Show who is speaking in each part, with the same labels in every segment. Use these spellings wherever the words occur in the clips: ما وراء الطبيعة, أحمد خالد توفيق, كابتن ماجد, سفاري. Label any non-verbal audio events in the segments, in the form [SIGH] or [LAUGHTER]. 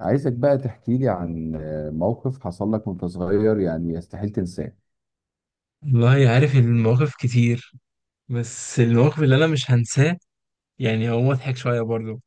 Speaker 1: عايزك بقى تحكي لي عن موقف حصل لك وانت صغير يعني يستحيل تنساه.
Speaker 2: والله، عارف إن المواقف كتير، بس المواقف اللي انا مش هنساه، يعني هو مضحك شويه برضو.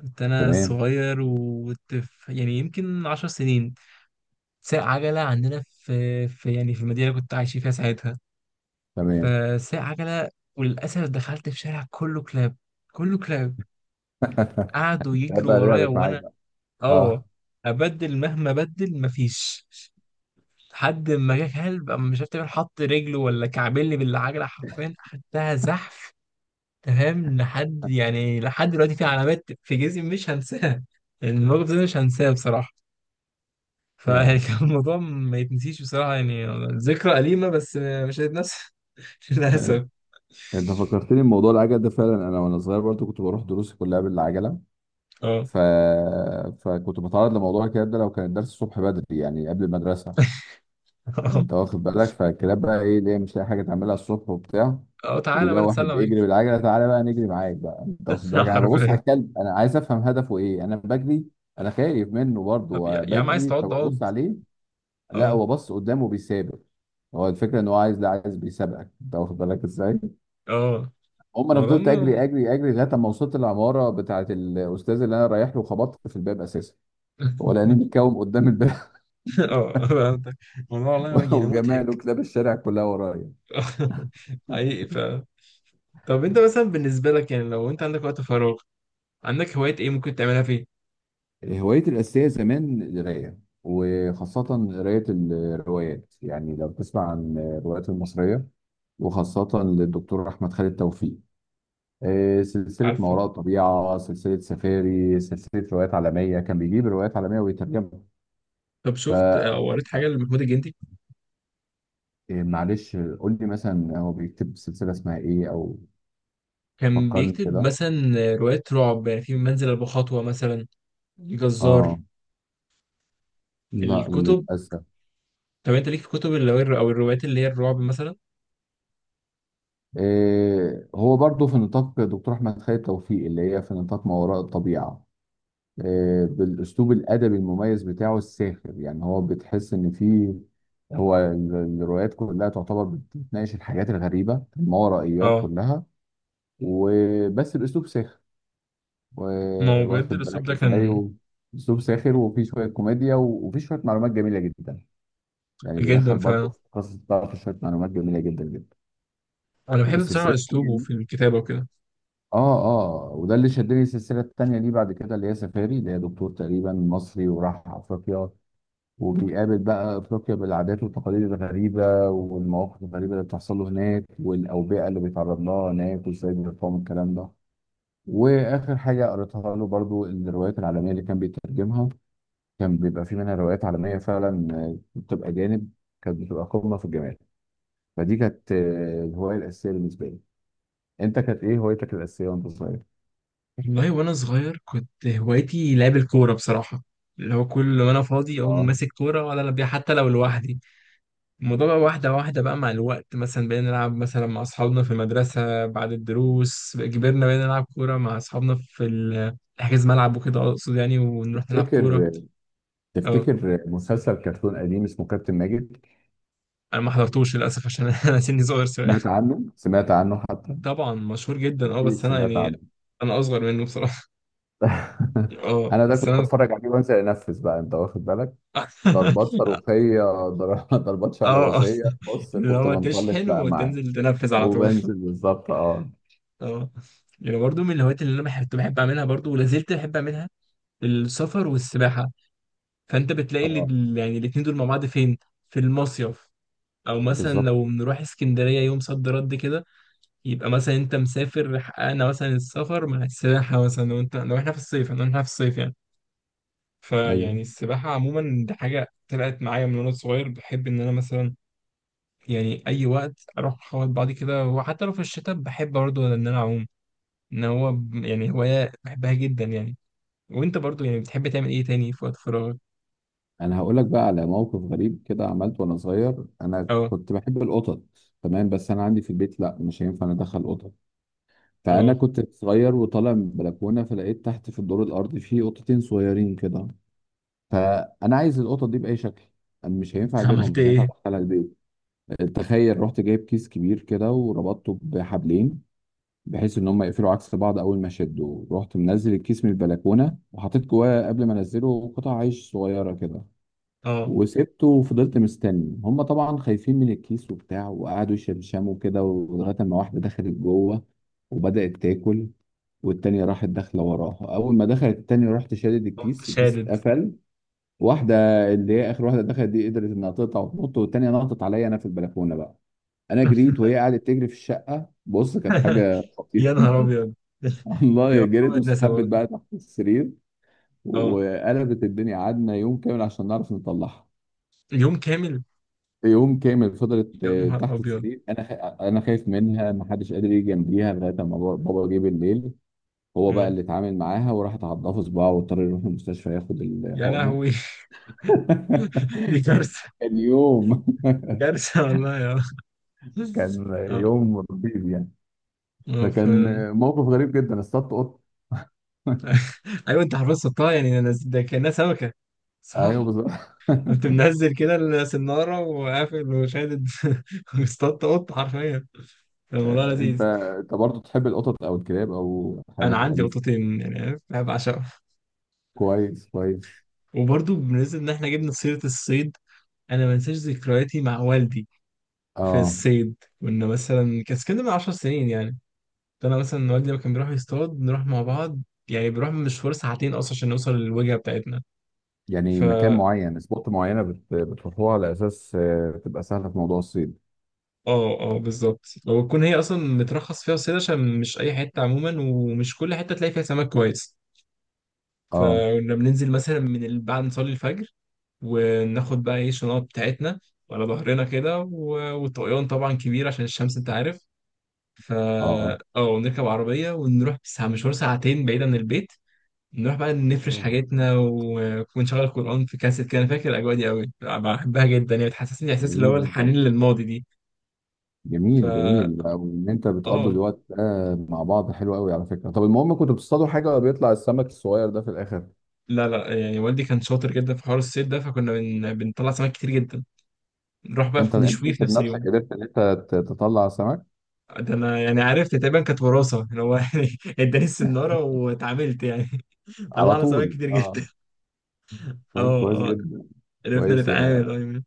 Speaker 2: كنت انا
Speaker 1: تمام.
Speaker 2: صغير وكنت يعني يمكن 10 سنين. ساق عجله عندنا في المدينه اللي كنت عايش فيها ساعتها.
Speaker 1: تمام.
Speaker 2: فساق عجله، وللاسف دخلت في شارع كله كلاب، كله كلاب.
Speaker 1: [LAUGHS]
Speaker 2: قعدوا يجروا
Speaker 1: بقى
Speaker 2: ورايا
Speaker 1: لعبت معاك
Speaker 2: وانا
Speaker 1: بقى.
Speaker 2: اه
Speaker 1: اه.
Speaker 2: ابدل مهما ابدل مفيش. لحد ما جه كلب، أما مش عارف تقريباً حط رجله ولا كعبلي بالعجله، حرفيا خدتها زحف. تمام، لحد دلوقتي في علامات في جسمي مش هنساها. يعني الموقف ده مش هنساه بصراحة. فيعني
Speaker 1: يا.
Speaker 2: [LAUGHS] كان الموضوع ما يتنسيش بصراحة يعني. ذكرى أليمة بس مش هتتنسى. [LAUGHS]
Speaker 1: آه،
Speaker 2: للأسف.
Speaker 1: انت فكرتني بموضوع العجل ده فعلا. انا وانا صغير برضو كنت بروح دروسي كلها بالعجله.
Speaker 2: اه،
Speaker 1: ف... فكنت بتعرض لموضوع الكلام ده لو كان الدرس الصبح بدري يعني قبل المدرسه.
Speaker 2: اه،
Speaker 1: انت واخد بالك، فالكلاب بقى ايه اللي هي مش لاقي حاجه تعملها الصبح وبتاع.
Speaker 2: اه، تعالى بقى
Speaker 1: وده
Speaker 2: نتسلم
Speaker 1: واحد بيجري
Speaker 2: عليك.
Speaker 1: بالعجله، تعالى بقى نجري معاك بقى. انت واخد
Speaker 2: [LAUGHS]
Speaker 1: بالك، انا ببص على
Speaker 2: عارفين.
Speaker 1: الكلب، انا عايز افهم هدفه ايه، انا بجري، انا خايف منه
Speaker 2: طب، يا
Speaker 1: برضه،
Speaker 2: يا عم، عايز
Speaker 1: بجري
Speaker 2: تقعد اقعد.
Speaker 1: فببص عليه. لا،
Speaker 2: اه،
Speaker 1: هو بص قدامه بيسابق. هو الفكره ان هو عايز، لا عايز بيسابقك، انت واخد بالك ازاي.
Speaker 2: اه،
Speaker 1: هم انا
Speaker 2: الموضوع
Speaker 1: فضلت
Speaker 2: م-
Speaker 1: اجري اجري اجري لغايه ما وصلت العماره بتاعه الاستاذ اللي انا رايح له، خبطت في الباب اساسا، هو لاني
Speaker 2: [LAUGHS]
Speaker 1: متكوم قدام الباب.
Speaker 2: اه، فهمتك. الموضوع والله
Speaker 1: [LAUGHS]
Speaker 2: يعني
Speaker 1: وجماله
Speaker 2: مضحك.
Speaker 1: كلاب الشارع كلها ورايا.
Speaker 2: [LAUGHS] حقيقي. طب، انت مثلا بالنسبة لك، يعني لو انت عندك وقت فراغ، عندك هوايات ايه ممكن تعملها فيه؟
Speaker 1: هوايتي الأساسية زمان القراية، وخاصة قراية الروايات. يعني لو تسمع عن الروايات المصرية، وخاصة للدكتور أحمد خالد توفيق، سلسلة ما
Speaker 2: عارفه.
Speaker 1: وراء الطبيعة، سلسلة سفاري، سلسلة روايات عالمية، كان بيجيب روايات عالمية ويترجمها.
Speaker 2: طب،
Speaker 1: ف
Speaker 2: شفت
Speaker 1: آه،
Speaker 2: او قريت حاجه لمحمود الجندي؟
Speaker 1: يعني معلش قول لي مثلا هو بيكتب سلسلة اسمها إيه أو
Speaker 2: كان
Speaker 1: فكرني
Speaker 2: بيكتب
Speaker 1: كده.
Speaker 2: مثلا روايات رعب، يعني في منزل ابو خطوه مثلا، الجزار،
Speaker 1: آه. لا،
Speaker 2: الكتب.
Speaker 1: للأسف.
Speaker 2: طب، انت ليك في كتب اللي هو او الروايات اللي هي الرعب مثلا؟
Speaker 1: هو برضه في نطاق دكتور أحمد خالد توفيق، اللي هي في نطاق ما وراء الطبيعة، بالاسلوب الادبي المميز بتاعه الساخر. يعني هو بتحس ان في، الروايات كلها تعتبر بتناقش الحاجات الغريبه الماورائيات
Speaker 2: اه.
Speaker 1: كلها، وبس الاسلوب ساخر،
Speaker 2: ما هو بجد
Speaker 1: واخد
Speaker 2: الاسلوب
Speaker 1: بالك
Speaker 2: ده
Speaker 1: ازاي،
Speaker 2: كان
Speaker 1: اسلوب ساخر، وفيه شويه كوميديا، وفيه شويه معلومات جميله جدا. يعني بيدخل
Speaker 2: جدا
Speaker 1: برضه
Speaker 2: فعلا.
Speaker 1: في قصص بتاعته شويه معلومات جميله جدا جدا.
Speaker 2: انا بحب
Speaker 1: والسلسله
Speaker 2: بصراحه
Speaker 1: التانية
Speaker 2: اسلوبه
Speaker 1: دي-
Speaker 2: في الكتابه وكده.
Speaker 1: اه. اه، وده اللي شدني السلسله التانيه دي بعد كده، اللي هي سفاري، اللي هي دكتور تقريبا مصري وراح افريقيا، وبيقابل بقى افريقيا بالعادات والتقاليد الغريبه والمواقف الغريبه اللي بتحصل له هناك والاوبئه اللي بيتعرض لها هناك وازاي بيرفعوا من الكلام ده. واخر حاجه قريتها له برضو الروايات العالميه اللي كان بيترجمها، كان بيبقى في منها روايات عالميه فعلا، بتبقى جانب، كانت بتبقى قمه في الجمال. فدي كانت الهوايه الاساسيه بالنسبه لي. انت كانت ايه هوايتك الاساسيه وانت صغير؟
Speaker 2: والله وانا صغير كنت هوايتي لعب الكوره بصراحه، اللي هو كل ما انا فاضي اقوم
Speaker 1: اه.
Speaker 2: ماسك كوره ولا بيها، حتى لو لوحدي. الموضوع بقى واحدة واحدة بقى مع الوقت، مثلا بقينا نلعب مثلا مع أصحابنا في المدرسة بعد الدروس. كبرنا بقينا نلعب كورة مع أصحابنا في حجز ملعب وكده، أقصد يعني ونروح نلعب كورة.
Speaker 1: تفتكر،
Speaker 2: أه،
Speaker 1: تفتكر مسلسل كرتون قديم اسمه كابتن ماجد؟
Speaker 2: أنا ما حضرتوش للأسف عشان [LAUGHS] أنا سني صغير شوية.
Speaker 1: سمعت عنه؟ سمعت عنه حتى؟
Speaker 2: طبعا مشهور جدا. أه،
Speaker 1: اكيد
Speaker 2: بس أنا
Speaker 1: سمعت
Speaker 2: يعني
Speaker 1: عنه.
Speaker 2: أنا أصغر منه بصراحة. [LAUGHS]
Speaker 1: [LAUGHS]
Speaker 2: أه،
Speaker 1: انا ده
Speaker 2: بس
Speaker 1: كنت
Speaker 2: أنا.
Speaker 1: بتفرج عليه وانزل انفذ بقى، انت واخد بالك،
Speaker 2: [LAUGHS]
Speaker 1: ضربات صاروخيه، [LAUGHS] ضربات
Speaker 2: أه، أه،
Speaker 1: شعلبازيه، بص
Speaker 2: اللي
Speaker 1: كنت
Speaker 2: هو
Speaker 1: بنطلق
Speaker 2: تشحن
Speaker 1: بقى معاه
Speaker 2: وتنزل تنفذ على طول.
Speaker 1: وبنزل
Speaker 2: [LAUGHS]
Speaker 1: بالظبط. اه.
Speaker 2: أه، يعني برضو من الهوايات اللي أنا كنت بحب أعملها برضو ولا زلت بحب أعملها، السفر والسباحة. فانت بتلاقي
Speaker 1: اه،
Speaker 2: اللي يعني الاتنين دول مع بعض فين؟ في المصيف، او مثلا
Speaker 1: بالظبط.
Speaker 2: لو بنروح اسكندريه يوم صد رد كده. يبقى مثلا انت مسافر، حققنا مثلا السفر مع السباحه، مثلا لو انت لو احنا في الصيف لو احنا في الصيف يعني.
Speaker 1: ايوه.
Speaker 2: فيعني السباحه عموما دي حاجه طلعت معايا من وانا صغير، بحب ان انا مثلا، يعني اي وقت اروح اخبط بعضي كده، وحتى لو في الشتاء بحب برضه ان انا اعوم. ان هو يعني هوايه بحبها جدا يعني. وانت برضه يعني بتحب تعمل ايه تاني في وقت فراغك؟
Speaker 1: انا هقول لك بقى على موقف غريب كده عملته وانا صغير. انا
Speaker 2: اه،
Speaker 1: كنت بحب القطط، تمام، بس انا عندي في البيت لا، مش هينفع ادخل قطط. فانا
Speaker 2: اه.
Speaker 1: كنت صغير وطالع من البلكونه، فلقيت تحت في الدور الارضي في قطتين صغيرين كده. فانا عايز القطط دي باي شكل، مش هينفع
Speaker 2: [LAUGHS]
Speaker 1: اجيبهم،
Speaker 2: عملت
Speaker 1: مش هينفع
Speaker 2: ايه؟
Speaker 1: ادخلها البيت. تخيل، رحت جايب كيس كبير كده وربطته بحبلين بحيث ان هم يقفلوا عكس بعض اول ما شدوا. رحت منزل الكيس من البلكونه وحطيت جواه قبل ما انزله قطع عيش صغيره كده،
Speaker 2: اه،
Speaker 1: وسبته وفضلت مستني. هم طبعا خايفين من الكيس وبتاع، وقعدوا يشمشموا كده، لغايه ما واحده دخلت جوه وبدات تاكل، والتانية راحت داخله وراها. اول ما دخلت التانية رحت شادد
Speaker 2: قمت
Speaker 1: الكيس، الكيس
Speaker 2: شادد.
Speaker 1: اتقفل. واحده، اللي هي اخر واحده دخلت دي، قدرت انها تقطع وتنط، والتانية نطت عليا انا في البلكونه بقى. انا جريت، وهي قعدت تجري في الشقه، بص كانت
Speaker 2: [LAUGHS]
Speaker 1: حاجه خطيره.
Speaker 2: يا
Speaker 1: [LAUGHS]
Speaker 2: نهار ابيض. [LAUGHS] دي
Speaker 1: والله
Speaker 2: عمرها
Speaker 1: جريت،
Speaker 2: ما تنسى
Speaker 1: واستخبت
Speaker 2: برضه.
Speaker 1: بقى تحت السرير،
Speaker 2: اه،
Speaker 1: وقلبت الدنيا. قعدنا يوم كامل عشان نعرف نطلعها.
Speaker 2: اليوم كامل.
Speaker 1: يوم كامل فضلت
Speaker 2: يا نهار
Speaker 1: تحت
Speaker 2: ابيض.
Speaker 1: السرير. انا خايف منها، ما حدش قادر يجي جنبيها، لغايه ما بابا جه بالليل. هو بقى
Speaker 2: اه،
Speaker 1: اللي اتعامل معاها، وراحت عضها في صباعه، واضطر يروح المستشفى ياخد
Speaker 2: يا
Speaker 1: الحقنه.
Speaker 2: لهوي. [LAUGHS] دي كارثه.
Speaker 1: [LAUGHS] كان يوم. [LAUGHS]
Speaker 2: كارثه والله، يا،
Speaker 1: كان
Speaker 2: اه،
Speaker 1: يوم رهيب يعني.
Speaker 2: اه،
Speaker 1: فكان
Speaker 2: فعلا.
Speaker 1: موقف غريب جدا، اصطدت قط.
Speaker 2: [LAUGHS] ايوه، انت حفظتها. يعني ده كانها سمكه، صح.
Speaker 1: ايوه، بالظبط.
Speaker 2: كنت
Speaker 1: [LAUGHS]
Speaker 2: منزل كده السناره وقافل وشادد. [LAUGHS] واصطدت قط حرفيا. كان الموضوع
Speaker 1: انت
Speaker 2: لذيذ.
Speaker 1: انت برضه تحب القطط او الكلاب او
Speaker 2: انا
Speaker 1: الحيوانات
Speaker 2: عندي
Speaker 1: الاليفه؟
Speaker 2: قطتين، يعني عارف؟ انا بعشقهم.
Speaker 1: كويس كويس.
Speaker 2: وبرضو بالنسبة إن إحنا جبنا سيرة الصيد، أنا ما أنساش ذكرياتي مع والدي في
Speaker 1: اه.
Speaker 2: الصيد. كنا مثلا كان كده من 10 سنين يعني. فأنا مثلا والدي لما كان بيروح يصطاد نروح مع بعض، يعني بنروح مشوار ساعتين أصلا عشان نوصل للوجهة بتاعتنا.
Speaker 1: يعني مكان
Speaker 2: فا
Speaker 1: معين، سبوت معينه بتروحوها على اساس تبقى سهله في موضوع الصيد.
Speaker 2: آه، آه، بالظبط، وتكون هي أصلا مترخص فيها الصيد عشان مش أي حتة عموما، ومش كل حتة تلاقي فيها سمك كويس.
Speaker 1: اه.
Speaker 2: فكنا بننزل مثلا بعد نصلي الفجر. وناخد بقى إيه الشنط بتاعتنا على ظهرنا كده، والطقيان طبعا كبير عشان الشمس، انت عارف. فا
Speaker 1: اه.
Speaker 2: اه، نركب عربية ونروح ساعة، مشوار ساعتين بعيد عن البيت. نروح بقى نفرش حاجتنا و- ونشغل قرآن في كاسيت كده، أنا فاكر الأجواء دي أوي، بحبها جدا يعني. بتحسسني إحساس اللي هو
Speaker 1: جميل جدا.
Speaker 2: الحنين للماضي دي.
Speaker 1: جميل،
Speaker 2: فا
Speaker 1: جميل بقى. وان انت بتقضوا
Speaker 2: اه،
Speaker 1: الوقت ده مع بعض حلو قوي على فكره. طب المهم كنتوا بتصطادوا حاجه ولا بيطلع السمك الصغير ده في الاخر؟
Speaker 2: لا، لا، يعني والدي كان شاطر جدا في حوار الصيد ده، فكنا بنطلع سمك كتير جدا. نروح بقى
Speaker 1: انت
Speaker 2: في نشويه في
Speaker 1: انت
Speaker 2: نفس
Speaker 1: بنفسك
Speaker 2: اليوم.
Speaker 1: قدرت ان انت تطلع سمك؟
Speaker 2: ده أنا يعني عرفت تقريبا كانت وراثة، اللي هو [LAUGHS] يعني اداني السنارة واتعاملت يعني. [LAUGHS]
Speaker 1: على
Speaker 2: طلعنا سمك
Speaker 1: طول.
Speaker 2: كتير
Speaker 1: اه.
Speaker 2: جدا. [LAUGHS]
Speaker 1: طيب كويس
Speaker 2: اه، اه،
Speaker 1: جدا.
Speaker 2: عرفنا
Speaker 1: كويس.
Speaker 2: نتعامل، اه.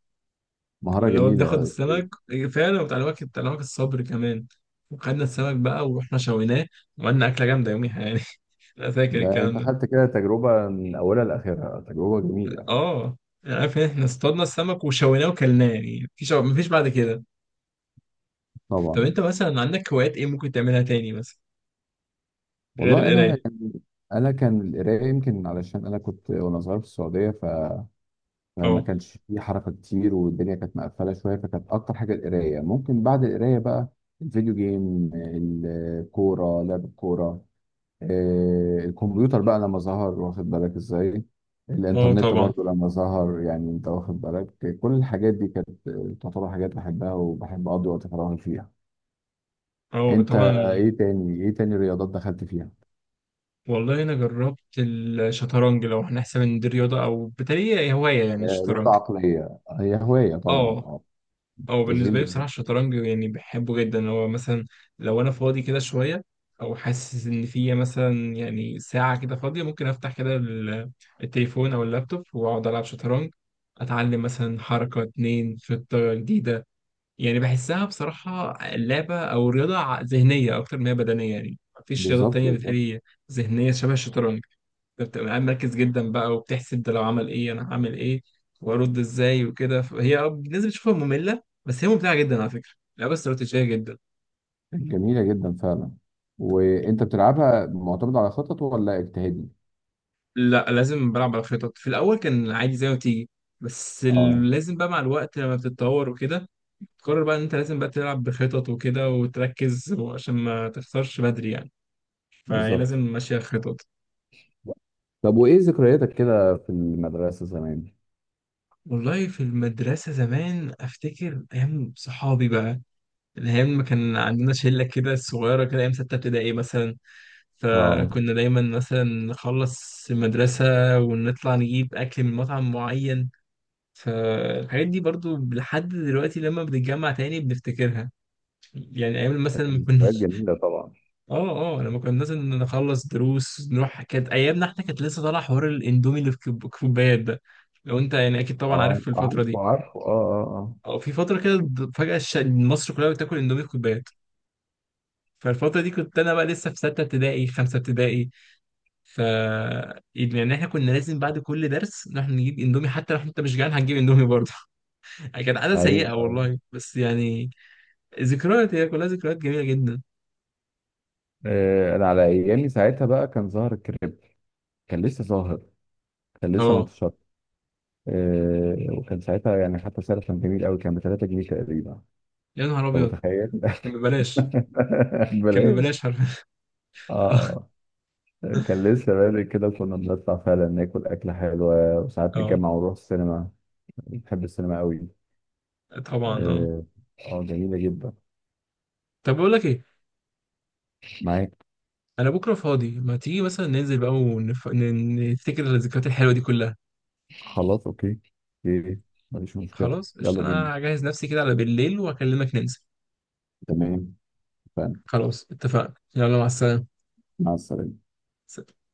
Speaker 1: مهارة
Speaker 2: واللي هو
Speaker 1: جميلة
Speaker 2: بناخد
Speaker 1: يا أستاذ.
Speaker 2: السمك، إيه، فعلا بتاع الوقت الصبر كمان. وخدنا السمك بقى ورحنا شويناه، وعملنا أكلة جامدة يوميها يعني. [LAUGHS] أنا فاكر
Speaker 1: ده
Speaker 2: الكلام
Speaker 1: أنت
Speaker 2: ده،
Speaker 1: خدت كده تجربة من أولها لآخرها، تجربة جميلة.
Speaker 2: اه. يعني عارف إن احنا اصطادنا السمك وشويناه وكلناه، يعني مفيش بعد كده. طب،
Speaker 1: طبعا.
Speaker 2: انت مثلا عندك هوايات ايه ممكن تعملها تاني مثلا غير
Speaker 1: والله
Speaker 2: القراية؟
Speaker 1: أنا كان أنا كان القراية يمكن علشان أنا كنت وأنا صغير في السعودية، فما
Speaker 2: اه،
Speaker 1: كانش في حركة كتير، والدنيا كانت مقفلة شوية، فكانت أكتر حاجة القراية. ممكن بعد القراية بقى الفيديو جيم، الكورة، لعب الكورة، الكمبيوتر بقى لما ظهر، واخد بالك ازاي،
Speaker 2: اه،
Speaker 1: الانترنت
Speaker 2: طبعا،
Speaker 1: برضو لما ظهر. يعني انت واخد بالك، كل الحاجات دي كانت تعتبر حاجات بحبها وبحب اقضي وقت فراغي فيها.
Speaker 2: اه،
Speaker 1: انت
Speaker 2: طبعا.
Speaker 1: ايه تاني، ايه تاني رياضات دخلت فيها؟
Speaker 2: والله انا جربت الشطرنج، لو هنحسب ان دي رياضة، او بالتالي هي هواية يعني
Speaker 1: رياضة
Speaker 2: الشطرنج.
Speaker 1: عقلية، هي هواية طبعا.
Speaker 2: اه،
Speaker 1: اه.
Speaker 2: او بالنسبه
Speaker 1: تشغيل
Speaker 2: لي بصراحه
Speaker 1: دماغ.
Speaker 2: الشطرنج يعني بحبه جدا، اللي هو مثلا لو انا فاضي كده شويه، او حاسس ان في مثلا يعني ساعه كده فاضيه، ممكن افتح كده التليفون او اللابتوب واقعد العب شطرنج. اتعلم مثلا حركه، اتنين خطه جديده. يعني بحسها بصراحه لعبه او رياضه ذهنيه اكتر ما هي بدنيه، يعني مفيش رياضات
Speaker 1: بالظبط،
Speaker 2: تانية
Speaker 1: بالظبط.
Speaker 2: بتهيألي ذهنيه شبه الشطرنج. بتبقى قاعد مركز جدا بقى، وبتحسب ده لو عمل ايه انا هعمل ايه، وارد ازاي وكده. فهي اه، بالنسبه تشوفها ممله بس هي ممتعه جدا على فكره، لعبه استراتيجيه جدا.
Speaker 1: جميلة جدا فعلا. وانت بتلعبها معتمد على خطط ولا اجتهادي؟
Speaker 2: لا، لازم بلعب على خطط. في الاول كان عادي زي ما تيجي، بس
Speaker 1: اه.
Speaker 2: لازم بقى مع الوقت لما بتتطور وكده. تقرر بقى ان انت لازم بقى تلعب بخطط وكده وتركز عشان ما تخسرش بدري يعني، فهي
Speaker 1: بالظبط.
Speaker 2: لازم ماشيه خطط.
Speaker 1: طب وايه ذكرياتك كده في المدرسة زمان؟
Speaker 2: والله في المدرسه زمان افتكر ايام صحابي بقى، الأيام ما كان عندنا شلة كده صغيرة كده، أيام ستة ابتدائي مثلا.
Speaker 1: اه.
Speaker 2: فكنا دايما مثلا نخلص المدرسة ونطلع نجيب أكل من مطعم معين. فالحاجات دي برضو لحد دلوقتي لما بنتجمع تاني بنفتكرها، يعني أيام مثلا ما
Speaker 1: ذكريات
Speaker 2: كناش.
Speaker 1: جميلة طبعا.
Speaker 2: [LAUGHS] اه، اه، لما كنا مثلا نخلص دروس نروح كانت أيامنا. احنا كانت لسه طالع حوار الإندومي اللي في كوبايات ده. لو أنت يعني أكيد طبعا عارف
Speaker 1: اه.
Speaker 2: في الفترة
Speaker 1: عارفه،
Speaker 2: دي،
Speaker 1: عارفه، اه اه.
Speaker 2: أو في فترة كده فجأة مصر كلها بتاكل إندومي في كوبايات. فالفترة دي كنت أنا بقى لسه في ستة ابتدائي، خمسة ابتدائي. ف يعني احنا كنا لازم بعد كل درس نروح نجيب اندومي، حتى لو انت مش جعان هتجيب اندومي برضه. [LAUGHS] كانت عادة
Speaker 1: اه.
Speaker 2: سيئة
Speaker 1: ايوه.
Speaker 2: والله، بس يعني ذكريات، هي كلها ذكريات جميلة جدا.
Speaker 1: انا على ايامي ساعتها بقى كان ظاهر الكريب، كان لسه ظاهر، كان لسه ما
Speaker 2: اه،
Speaker 1: انتشرش. وكان ساعتها يعني حتى سعره كان جميل قوي، كان ب 3 جنيه تقريبا،
Speaker 2: يا نهار
Speaker 1: لو
Speaker 2: أبيض.
Speaker 1: متخيل.
Speaker 2: كان ببلاش.
Speaker 1: [LAUGHS]
Speaker 2: كان
Speaker 1: بلاش.
Speaker 2: ببلاش حرفيا.
Speaker 1: اه.
Speaker 2: [LAUGHS] اه،
Speaker 1: آه. كان لسه بادئ كده، كنا بنطلع فعلا ناكل أكلة حلوة، وساعات
Speaker 2: اه،
Speaker 1: نتجمع ونروح السينما. بحب السينما قوي.
Speaker 2: طبعا، اه.
Speaker 1: اه. جميلة جدا.
Speaker 2: طب، بقول لك ايه،
Speaker 1: معاك.
Speaker 2: انا بكره فاضي. ما تيجي مثلا ننزل بقى نفتكر الذكريات الحلوه دي كلها.
Speaker 1: خلاص اوكي. اوكي. مفيش مشكلة.
Speaker 2: خلاص قشطة،
Speaker 1: يلا بينا.
Speaker 2: انا هجهز نفسي كده على بالليل واكلمك ننزل.
Speaker 1: تمام. اتفقنا.
Speaker 2: خلاص اتفقنا، يلا، مع السلامة.
Speaker 1: مع السلامة.